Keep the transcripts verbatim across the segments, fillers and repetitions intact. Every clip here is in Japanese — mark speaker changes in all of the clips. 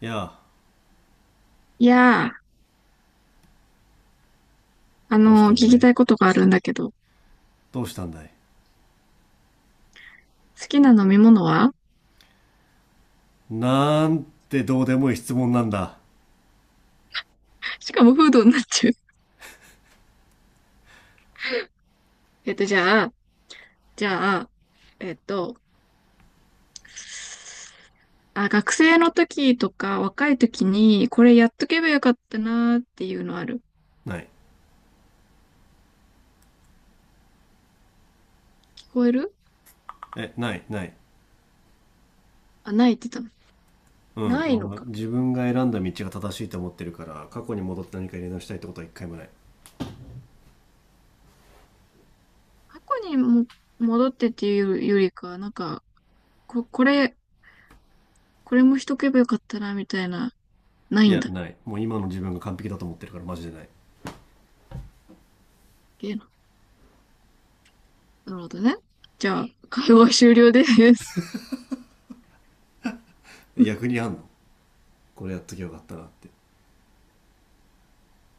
Speaker 1: いやあ、
Speaker 2: いやー、あ
Speaker 1: どうし
Speaker 2: のー
Speaker 1: た
Speaker 2: 聞
Speaker 1: んだ
Speaker 2: き
Speaker 1: い？
Speaker 2: たいことがあるんだけど、
Speaker 1: どうしたんだい、
Speaker 2: 好きな飲み物は
Speaker 1: なんてどうでもいい質問なんだ。
Speaker 2: しかもフードになっちゃう。えっと、じゃあ、じゃあ、えっと、あ、学生の時とか若い時に、これやっとけばよかったなーっていうのある？
Speaker 1: ない。
Speaker 2: 聞こえる？
Speaker 1: え、ない、ない。
Speaker 2: あ、ないって言ったの。
Speaker 1: うん。
Speaker 2: な
Speaker 1: あ
Speaker 2: いの
Speaker 1: の、
Speaker 2: か。
Speaker 1: 自分が選んだ道が正しいと思ってるから、過去に戻って何かやり直したいってことはいっかいもない。
Speaker 2: 過去にも戻ってっていうよりか、なんか、こ、これ、これもしとけばよかったな、みたいな、な
Speaker 1: い
Speaker 2: いん
Speaker 1: や、
Speaker 2: だ。
Speaker 1: ない。もう今の自分が完璧だと思ってるから、マジでな
Speaker 2: けーなるほどね。じゃあ、会話終了です。
Speaker 1: い。逆にあんの？これやっときゃよかったなって。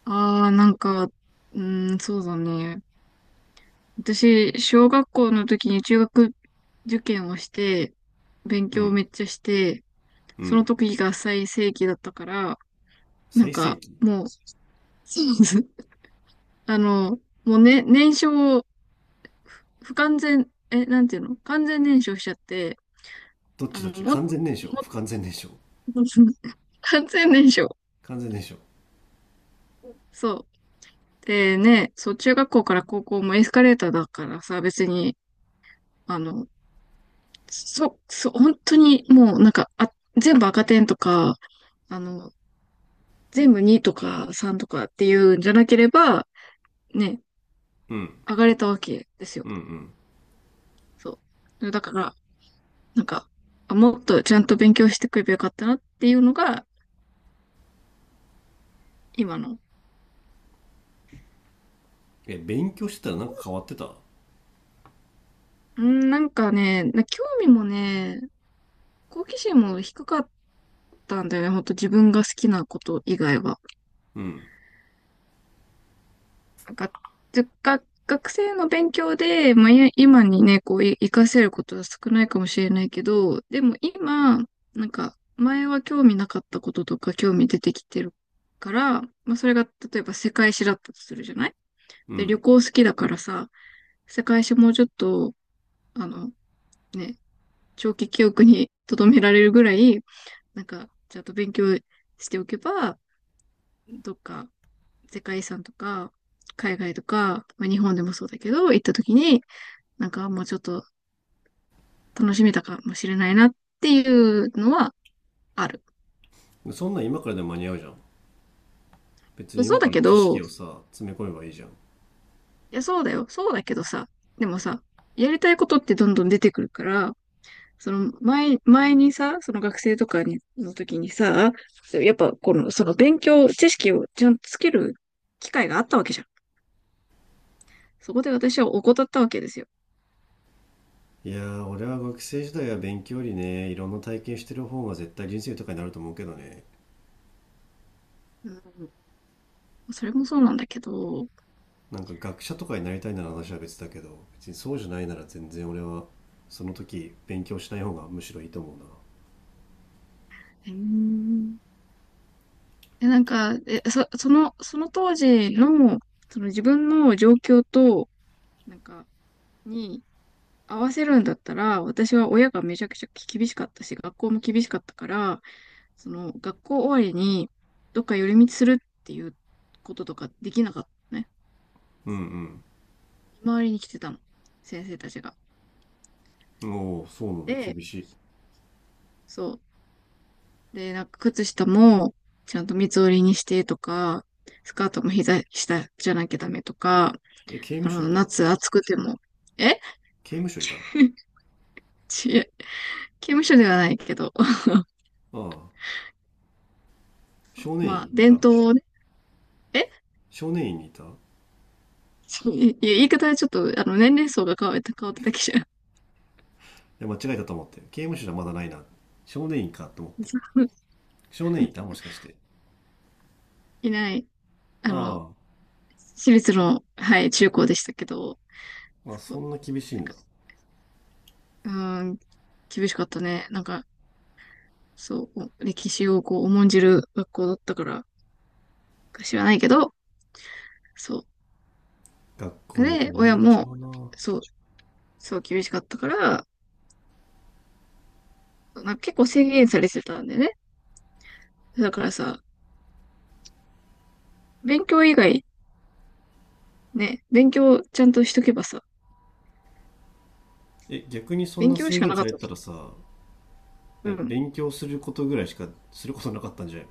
Speaker 2: ああ、なんか、うーん、そうだね。私、小学校の時に中学受験をして、勉
Speaker 1: う
Speaker 2: 強を
Speaker 1: ん、
Speaker 2: めっちゃして、
Speaker 1: う
Speaker 2: その
Speaker 1: ん。
Speaker 2: 時が最盛期だったから、なん
Speaker 1: 最盛
Speaker 2: か、
Speaker 1: 期？
Speaker 2: もう、そうです。あの、もうね、燃焼を、不完全、え、なんていうの完全燃焼しちゃって、
Speaker 1: どっ
Speaker 2: あ
Speaker 1: ちどっ
Speaker 2: の、
Speaker 1: ち？
Speaker 2: も、も、
Speaker 1: 完全燃焼？不完全燃焼？
Speaker 2: 完全燃焼。
Speaker 1: 完全燃焼。
Speaker 2: そう。でね、そう、中学校から高校もエスカレーターだからさ、別に、あの、そ、そう、本当にもうなんか、あ、全部赤点とか、あの、全部にとかさんとかっていうんじゃなければ、ね、
Speaker 1: うん、
Speaker 2: 上がれたわけですよ。
Speaker 1: うん、うん。
Speaker 2: そう。だから、なんか、あもっとちゃんと勉強してくればよかったなっていうのが、今の。
Speaker 1: え、勉強してたらなんか変わってた？
Speaker 2: うん、なんかね、な興味もね、好奇心も低かったんだよね。ほんと自分が好きなこと以外は。
Speaker 1: うん、
Speaker 2: なんか、ず学学生の勉強で、まあ、い今にね、こう、い活かせることは少ないかもしれないけど、でも今、なんか、前は興味なかったこととか興味出てきてるから、まあ、それが、例えば世界史だったとするじゃない？
Speaker 1: う
Speaker 2: で、旅
Speaker 1: ん。
Speaker 2: 行好きだからさ、世界史もうちょっと、あの、ね、長期記憶に留められるぐらい、なんか、ちゃんと勉強しておけば、どっか世界遺産とか、海外とか、まあ、日本でもそうだけど、行った時に、なんかもうちょっと楽しめたかもしれないなっていうのはある。
Speaker 1: そんなん今からでも間に合うじゃん。別に
Speaker 2: そう
Speaker 1: 今か
Speaker 2: だ
Speaker 1: ら
Speaker 2: け
Speaker 1: 知識
Speaker 2: ど、
Speaker 1: をさ、詰め込めばいいじゃん。
Speaker 2: いや、そうだよ。そうだけどさ、でもさ、やりたいことってどんどん出てくるから、その前、前にさ、その学生とかにの時にさ、やっぱこの、その勉強、知識をちゃんとつける機会があったわけじゃん。そこで私は怠ったわけですよ。
Speaker 1: いやー、俺は学生時代は勉強よりね、いろんな体験してる方が絶対人生豊かになると思うけどね。
Speaker 2: うん、それもそうなんだけど、
Speaker 1: なんか学者とかになりたいなら話は別だけど、別にそうじゃないなら全然俺は、その時勉強しない方がむしろいいと思うな。
Speaker 2: えーで、なんか、え、そ、その、その当時の、その自分の状況と、なんか、に合わせるんだったら、私は親がめちゃくちゃ厳しかったし、学校も厳しかったから、その、学校終わりに、どっか寄り道するっていうこととかできなかったのね。
Speaker 1: うん、
Speaker 2: 見回りに来てたの。先生たちが。
Speaker 1: うん。おお、そうなんだ、
Speaker 2: で、
Speaker 1: 厳しい。
Speaker 2: そう。で、なんか靴下もちゃんと三つ折りにしてとか、スカートも膝下じゃなきゃダメとか、
Speaker 1: え、刑
Speaker 2: あ
Speaker 1: 務所
Speaker 2: の、
Speaker 1: いた？
Speaker 2: 夏暑くても、え
Speaker 1: 刑務所いた？あ
Speaker 2: ちえ刑務所ではないけど、
Speaker 1: あ、少年
Speaker 2: ま
Speaker 1: 院
Speaker 2: あ、
Speaker 1: い
Speaker 2: 伝
Speaker 1: た？
Speaker 2: 統をね、え
Speaker 1: 少年院にいた？い
Speaker 2: ち いや言い方はちょっと、あの、年齢層が変わった、変わっただけじゃん、
Speaker 1: や、間違えたと思って。刑務所じゃまだないな。少年院かと思って。少年院いたもしかして。
Speaker 2: いない、
Speaker 1: あ
Speaker 2: あの、
Speaker 1: あ、
Speaker 2: 私立の、はい、中高でしたけど、
Speaker 1: あ、
Speaker 2: そ
Speaker 1: そ
Speaker 2: う。
Speaker 1: んな厳しい
Speaker 2: なん
Speaker 1: ん
Speaker 2: か、
Speaker 1: だ。
Speaker 2: うーん、厳しかったね。なんか、そう、歴史をこう、重んじる学校だったから、か知らないけど、そ
Speaker 1: 学校
Speaker 2: う。
Speaker 1: によって
Speaker 2: で、
Speaker 1: 全
Speaker 2: 親
Speaker 1: 然違
Speaker 2: も、
Speaker 1: うな。
Speaker 2: そう、そう厳しかったから、なんか結構制限されてたんでね。だからさ、勉強以外、ね、勉強ちゃんとしとけばさ、
Speaker 1: え、逆にそん
Speaker 2: 勉
Speaker 1: な
Speaker 2: 強し
Speaker 1: 制
Speaker 2: か
Speaker 1: 限
Speaker 2: なか
Speaker 1: さ
Speaker 2: っ
Speaker 1: れ
Speaker 2: たわ
Speaker 1: た
Speaker 2: け。
Speaker 1: らさ、
Speaker 2: う
Speaker 1: え、
Speaker 2: ん。
Speaker 1: 勉強することぐらいしかすることなかったんじゃない？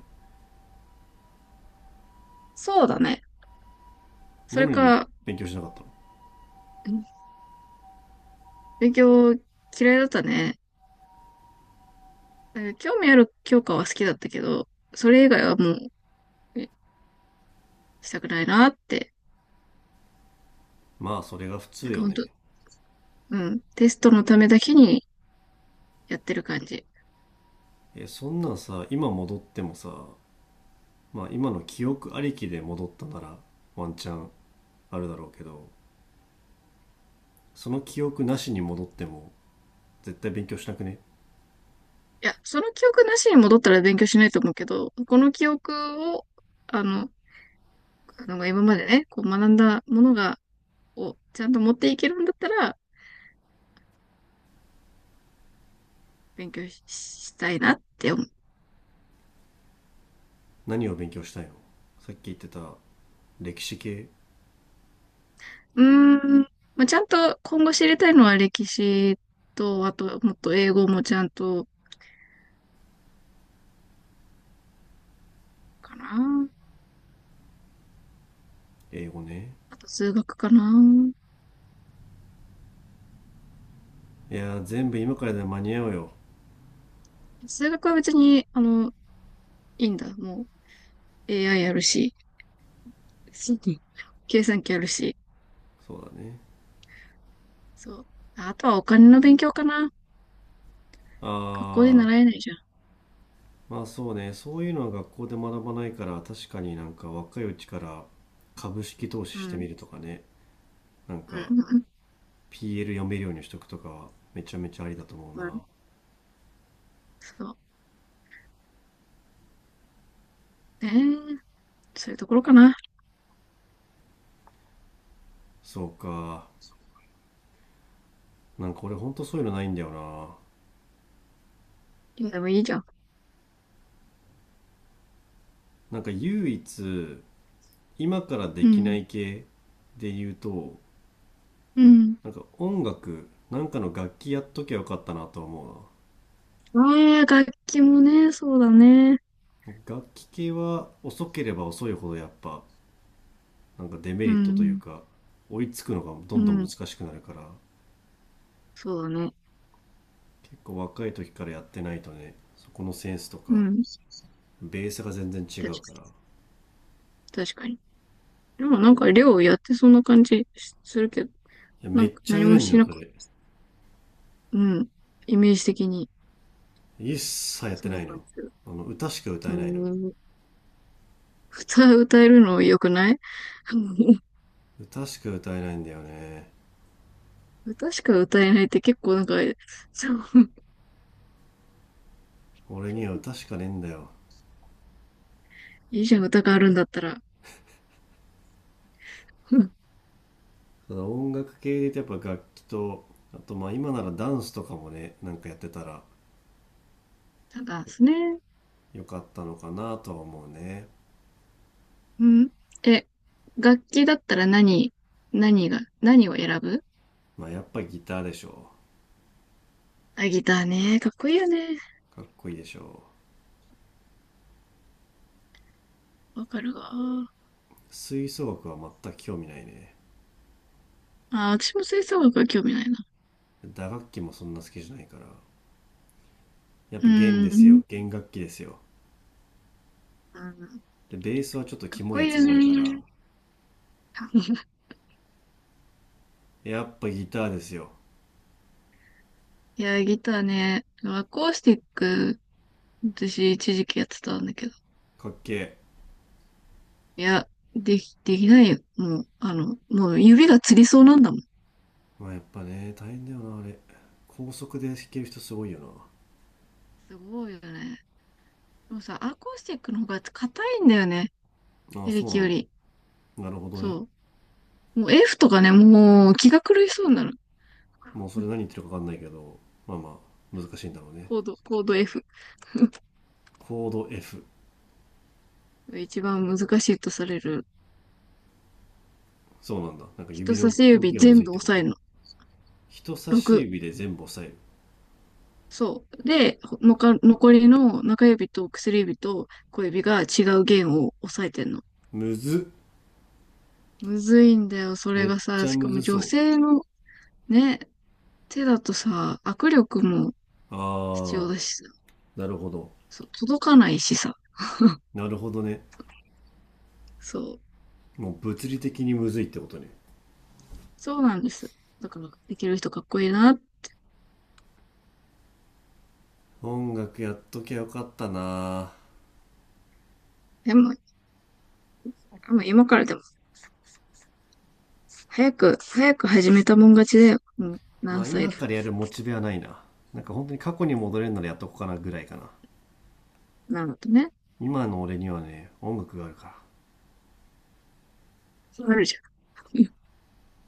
Speaker 2: そうだね。そ
Speaker 1: な
Speaker 2: れ
Speaker 1: のに
Speaker 2: か、
Speaker 1: 勉強しなかったの？
Speaker 2: うん、勉強嫌いだったね。えー興味ある教科は好きだったけど、それ以外はもう、えしたくないなって。
Speaker 1: まあ、それが普
Speaker 2: なん
Speaker 1: 通
Speaker 2: か
Speaker 1: よ
Speaker 2: 本当。
Speaker 1: ね。
Speaker 2: うん。テストのためだけにやってる感じ。
Speaker 1: え、そんなんさ、今戻ってもさ、まあ、今の記憶ありきで戻ったなら、ワンチャンあるだろうけど、その記憶なしに戻っても、絶対勉強しなくね？
Speaker 2: いや、その記憶なしに戻ったら勉強しないと思うけど、この記憶を、あの、あの今までね、こう学んだものが、をちゃんと持っていけるんだったら、勉強し、したいなって思う。
Speaker 1: 何を勉強したいの？さっき言ってた、歴史系？
Speaker 2: うーん、まあ、ちゃんと今後知りたいのは歴史と、あと、もっと英語もちゃんと、かな。
Speaker 1: 英語ね。
Speaker 2: あと数学かな。
Speaker 1: いやー、全部今からでは間に合うよ。
Speaker 2: 数学は別に、あの、いいんだ。もう エーアイ やるし、計算機やるし、
Speaker 1: そうだね。
Speaker 2: そう。あとはお金の勉強かな。
Speaker 1: あ
Speaker 2: 学校で
Speaker 1: あ、
Speaker 2: 習えないじゃん。
Speaker 1: まあそうね。そういうのは学校で学ばないから、確かになんか若いうちから株式投資
Speaker 2: う
Speaker 1: して
Speaker 2: ん。
Speaker 1: みるとかね。なんか
Speaker 2: うん。
Speaker 1: ピーエル 読めるようにしとくとかはめちゃめちゃありだと思う
Speaker 2: う
Speaker 1: な。
Speaker 2: ん。うん。そう。ねえ。そういうところかな。
Speaker 1: そうか。なんか俺ほんとそういうのないんだよな。
Speaker 2: でもいいじゃん。
Speaker 1: なんか唯一今からで
Speaker 2: う
Speaker 1: きな
Speaker 2: ん。
Speaker 1: い系で言うと、
Speaker 2: うん。
Speaker 1: なんか音楽、なんかの楽器やっときゃよかったなとは思
Speaker 2: ああ、楽器もね、そうだね。
Speaker 1: うな。楽器系は遅ければ遅いほどやっぱなんかデメ
Speaker 2: う
Speaker 1: リットという
Speaker 2: ん。
Speaker 1: か、追いつくのがど
Speaker 2: う
Speaker 1: んどん難
Speaker 2: ん。
Speaker 1: しくなるから、
Speaker 2: そうだね。
Speaker 1: 結構若い時からやってないとね、そこのセンスと
Speaker 2: う
Speaker 1: か
Speaker 2: ん。
Speaker 1: ベースが全然違
Speaker 2: 確
Speaker 1: うからい、
Speaker 2: かに。確かに。でもなんか、寮やってそんな感じするけど、
Speaker 1: や
Speaker 2: な
Speaker 1: め
Speaker 2: ん
Speaker 1: っ
Speaker 2: か
Speaker 1: ちゃ
Speaker 2: 何
Speaker 1: やれ
Speaker 2: も
Speaker 1: んの
Speaker 2: し
Speaker 1: よ
Speaker 2: な
Speaker 1: そ
Speaker 2: かっ
Speaker 1: れ。
Speaker 2: た。うん。イメージ的に、
Speaker 1: 一切やっ
Speaker 2: そ
Speaker 1: て
Speaker 2: ん
Speaker 1: な
Speaker 2: な
Speaker 1: い
Speaker 2: 感
Speaker 1: の？
Speaker 2: じする。
Speaker 1: あの、歌しか歌え
Speaker 2: う
Speaker 1: ないの？
Speaker 2: ん。歌、歌えるの良くない？
Speaker 1: 歌しか歌えないんだよね。
Speaker 2: 歌しか歌えないって結構なんか、そう。
Speaker 1: 俺には歌しかねえんだよ。
Speaker 2: いいじゃん、歌があるんだったら。うん、
Speaker 1: ただ音楽系で言うとやっぱ楽器と、あとまあ今ならダンスとかもね、なんかやってたら
Speaker 2: なんか、すね。
Speaker 1: よかったのかなとは思うね。
Speaker 2: うん。え、楽器だったら何、何が、何を選ぶ？
Speaker 1: まあやっぱりギターでしょ。
Speaker 2: あ、ギターね。かっこいいよね。
Speaker 1: かっこいいでしょ。
Speaker 2: わかるわ。
Speaker 1: 吹奏楽は全く興味ないね。
Speaker 2: あ、私も吹奏楽は興味ないな。
Speaker 1: 打楽器もそんな好きじゃないから。やっ
Speaker 2: う
Speaker 1: ぱ弦で
Speaker 2: ー
Speaker 1: すよ。
Speaker 2: ん。
Speaker 1: 弦楽器ですよ。
Speaker 2: うん、
Speaker 1: で、ベースはちょっと
Speaker 2: かっ
Speaker 1: キモ
Speaker 2: こ
Speaker 1: いや
Speaker 2: いい
Speaker 1: つ
Speaker 2: よ
Speaker 1: が多いから。
Speaker 2: ね。
Speaker 1: やっぱギターですよ。
Speaker 2: いや、ギターね。アコースティック、私一時期やってたんだけど。
Speaker 1: かっけえ。
Speaker 2: いや、でき、できないよ。もう、あの、もう指がつりそうなんだもん。
Speaker 1: まあやっぱね、大変だよな、あれ。高速で弾ける人すごいよ
Speaker 2: すごいよね。でもさ、アコースティックの方が硬いんだよね。
Speaker 1: な。ああ、
Speaker 2: エレ
Speaker 1: そう
Speaker 2: キ
Speaker 1: な
Speaker 2: よ
Speaker 1: んだ。
Speaker 2: り。
Speaker 1: なるほどね。
Speaker 2: そう。もう F とかね、もう気が狂いそうになる。
Speaker 1: もうそれ何言っ てるかわかんないけど、まあまあ、難しいんだろうね。
Speaker 2: コード、コード F
Speaker 1: コード エフ。
Speaker 2: が一番難しいとされる。
Speaker 1: そうなんだ。なんか
Speaker 2: 人
Speaker 1: 指
Speaker 2: 差
Speaker 1: の
Speaker 2: し
Speaker 1: 動
Speaker 2: 指
Speaker 1: きがむず
Speaker 2: 全
Speaker 1: いっ
Speaker 2: 部
Speaker 1: て
Speaker 2: 押
Speaker 1: こ
Speaker 2: さえ
Speaker 1: と？
Speaker 2: るの。
Speaker 1: 人差し
Speaker 2: ろく。
Speaker 1: 指で全部押さえる。
Speaker 2: そう。で、のか残りの中指と薬指と小指が違う弦を押さえてんの。
Speaker 1: むずっ。
Speaker 2: むずいんだよ、それ
Speaker 1: めっ
Speaker 2: が
Speaker 1: ち
Speaker 2: さ。
Speaker 1: ゃ
Speaker 2: し
Speaker 1: む
Speaker 2: か
Speaker 1: ず
Speaker 2: も女
Speaker 1: そ
Speaker 2: 性のね、手だとさ、握力も
Speaker 1: う。
Speaker 2: 必要
Speaker 1: あ、
Speaker 2: だしさ。
Speaker 1: なるほど。
Speaker 2: そう、届かないしさ。
Speaker 1: なるほどね。
Speaker 2: そう。
Speaker 1: もう物理的にむずいってことね。
Speaker 2: そうなんです。だから、できる人かっこいいな。
Speaker 1: 音楽やっときゃよかったな。
Speaker 2: でも、もう今からでも、早く、早く始めたもん勝ちだよ。もう
Speaker 1: ま
Speaker 2: 何
Speaker 1: あ
Speaker 2: 歳
Speaker 1: 今
Speaker 2: だ。
Speaker 1: からやるモチベはないな。なんか本当に過去に戻れるならやっとこうかなぐらいかな。
Speaker 2: なるとね。
Speaker 1: 今の俺にはね、音楽があるから。
Speaker 2: そうなるじゃん。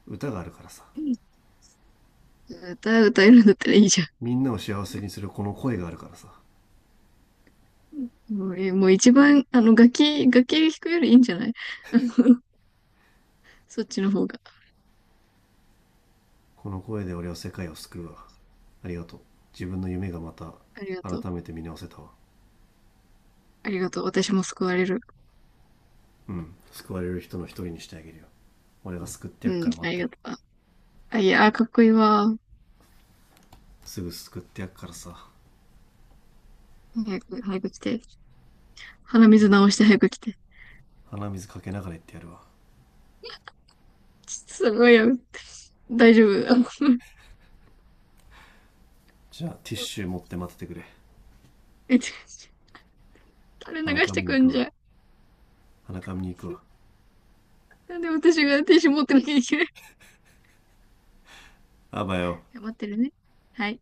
Speaker 1: 歌があるからさ。
Speaker 2: うん、歌、歌えるんだったらいいじゃ
Speaker 1: みんなを幸せにするこの声があるからさ。
Speaker 2: ん。もう、えもう一番、あの、楽器、楽器弾くよりいいんじゃない？うん。 そっちの方が。
Speaker 1: この声で俺は世界を救うわ。ありがとう。自分の夢がまた
Speaker 2: ありがとう。
Speaker 1: 改めて見直せたわ。
Speaker 2: ありがとう。私も救われる。
Speaker 1: うん。救われる人のひとりにしてあげるよ。俺が救ってやっ
Speaker 2: う
Speaker 1: か
Speaker 2: ん、
Speaker 1: ら待
Speaker 2: あ
Speaker 1: っ
Speaker 2: り
Speaker 1: てる。
Speaker 2: がとう。あ、いや、あかっこいいわ。
Speaker 1: すぐ救ってやっからさ。
Speaker 2: 早く、早く来て。鼻水直して早く来て。
Speaker 1: 鼻水かけながら行ってやるわ。
Speaker 2: すごいよ。大丈夫。あの
Speaker 1: じゃあティッシュ持って待っててくれ。
Speaker 2: え、垂れ
Speaker 1: 鼻
Speaker 2: 流し
Speaker 1: か
Speaker 2: て
Speaker 1: みに
Speaker 2: く
Speaker 1: 行く
Speaker 2: んじ
Speaker 1: わ。
Speaker 2: ゃん。
Speaker 1: 鼻かみに行くわ。
Speaker 2: なんで私がティッシュ持ってなきゃいけない？
Speaker 1: あばよ。
Speaker 2: 頑張ってるね。はい。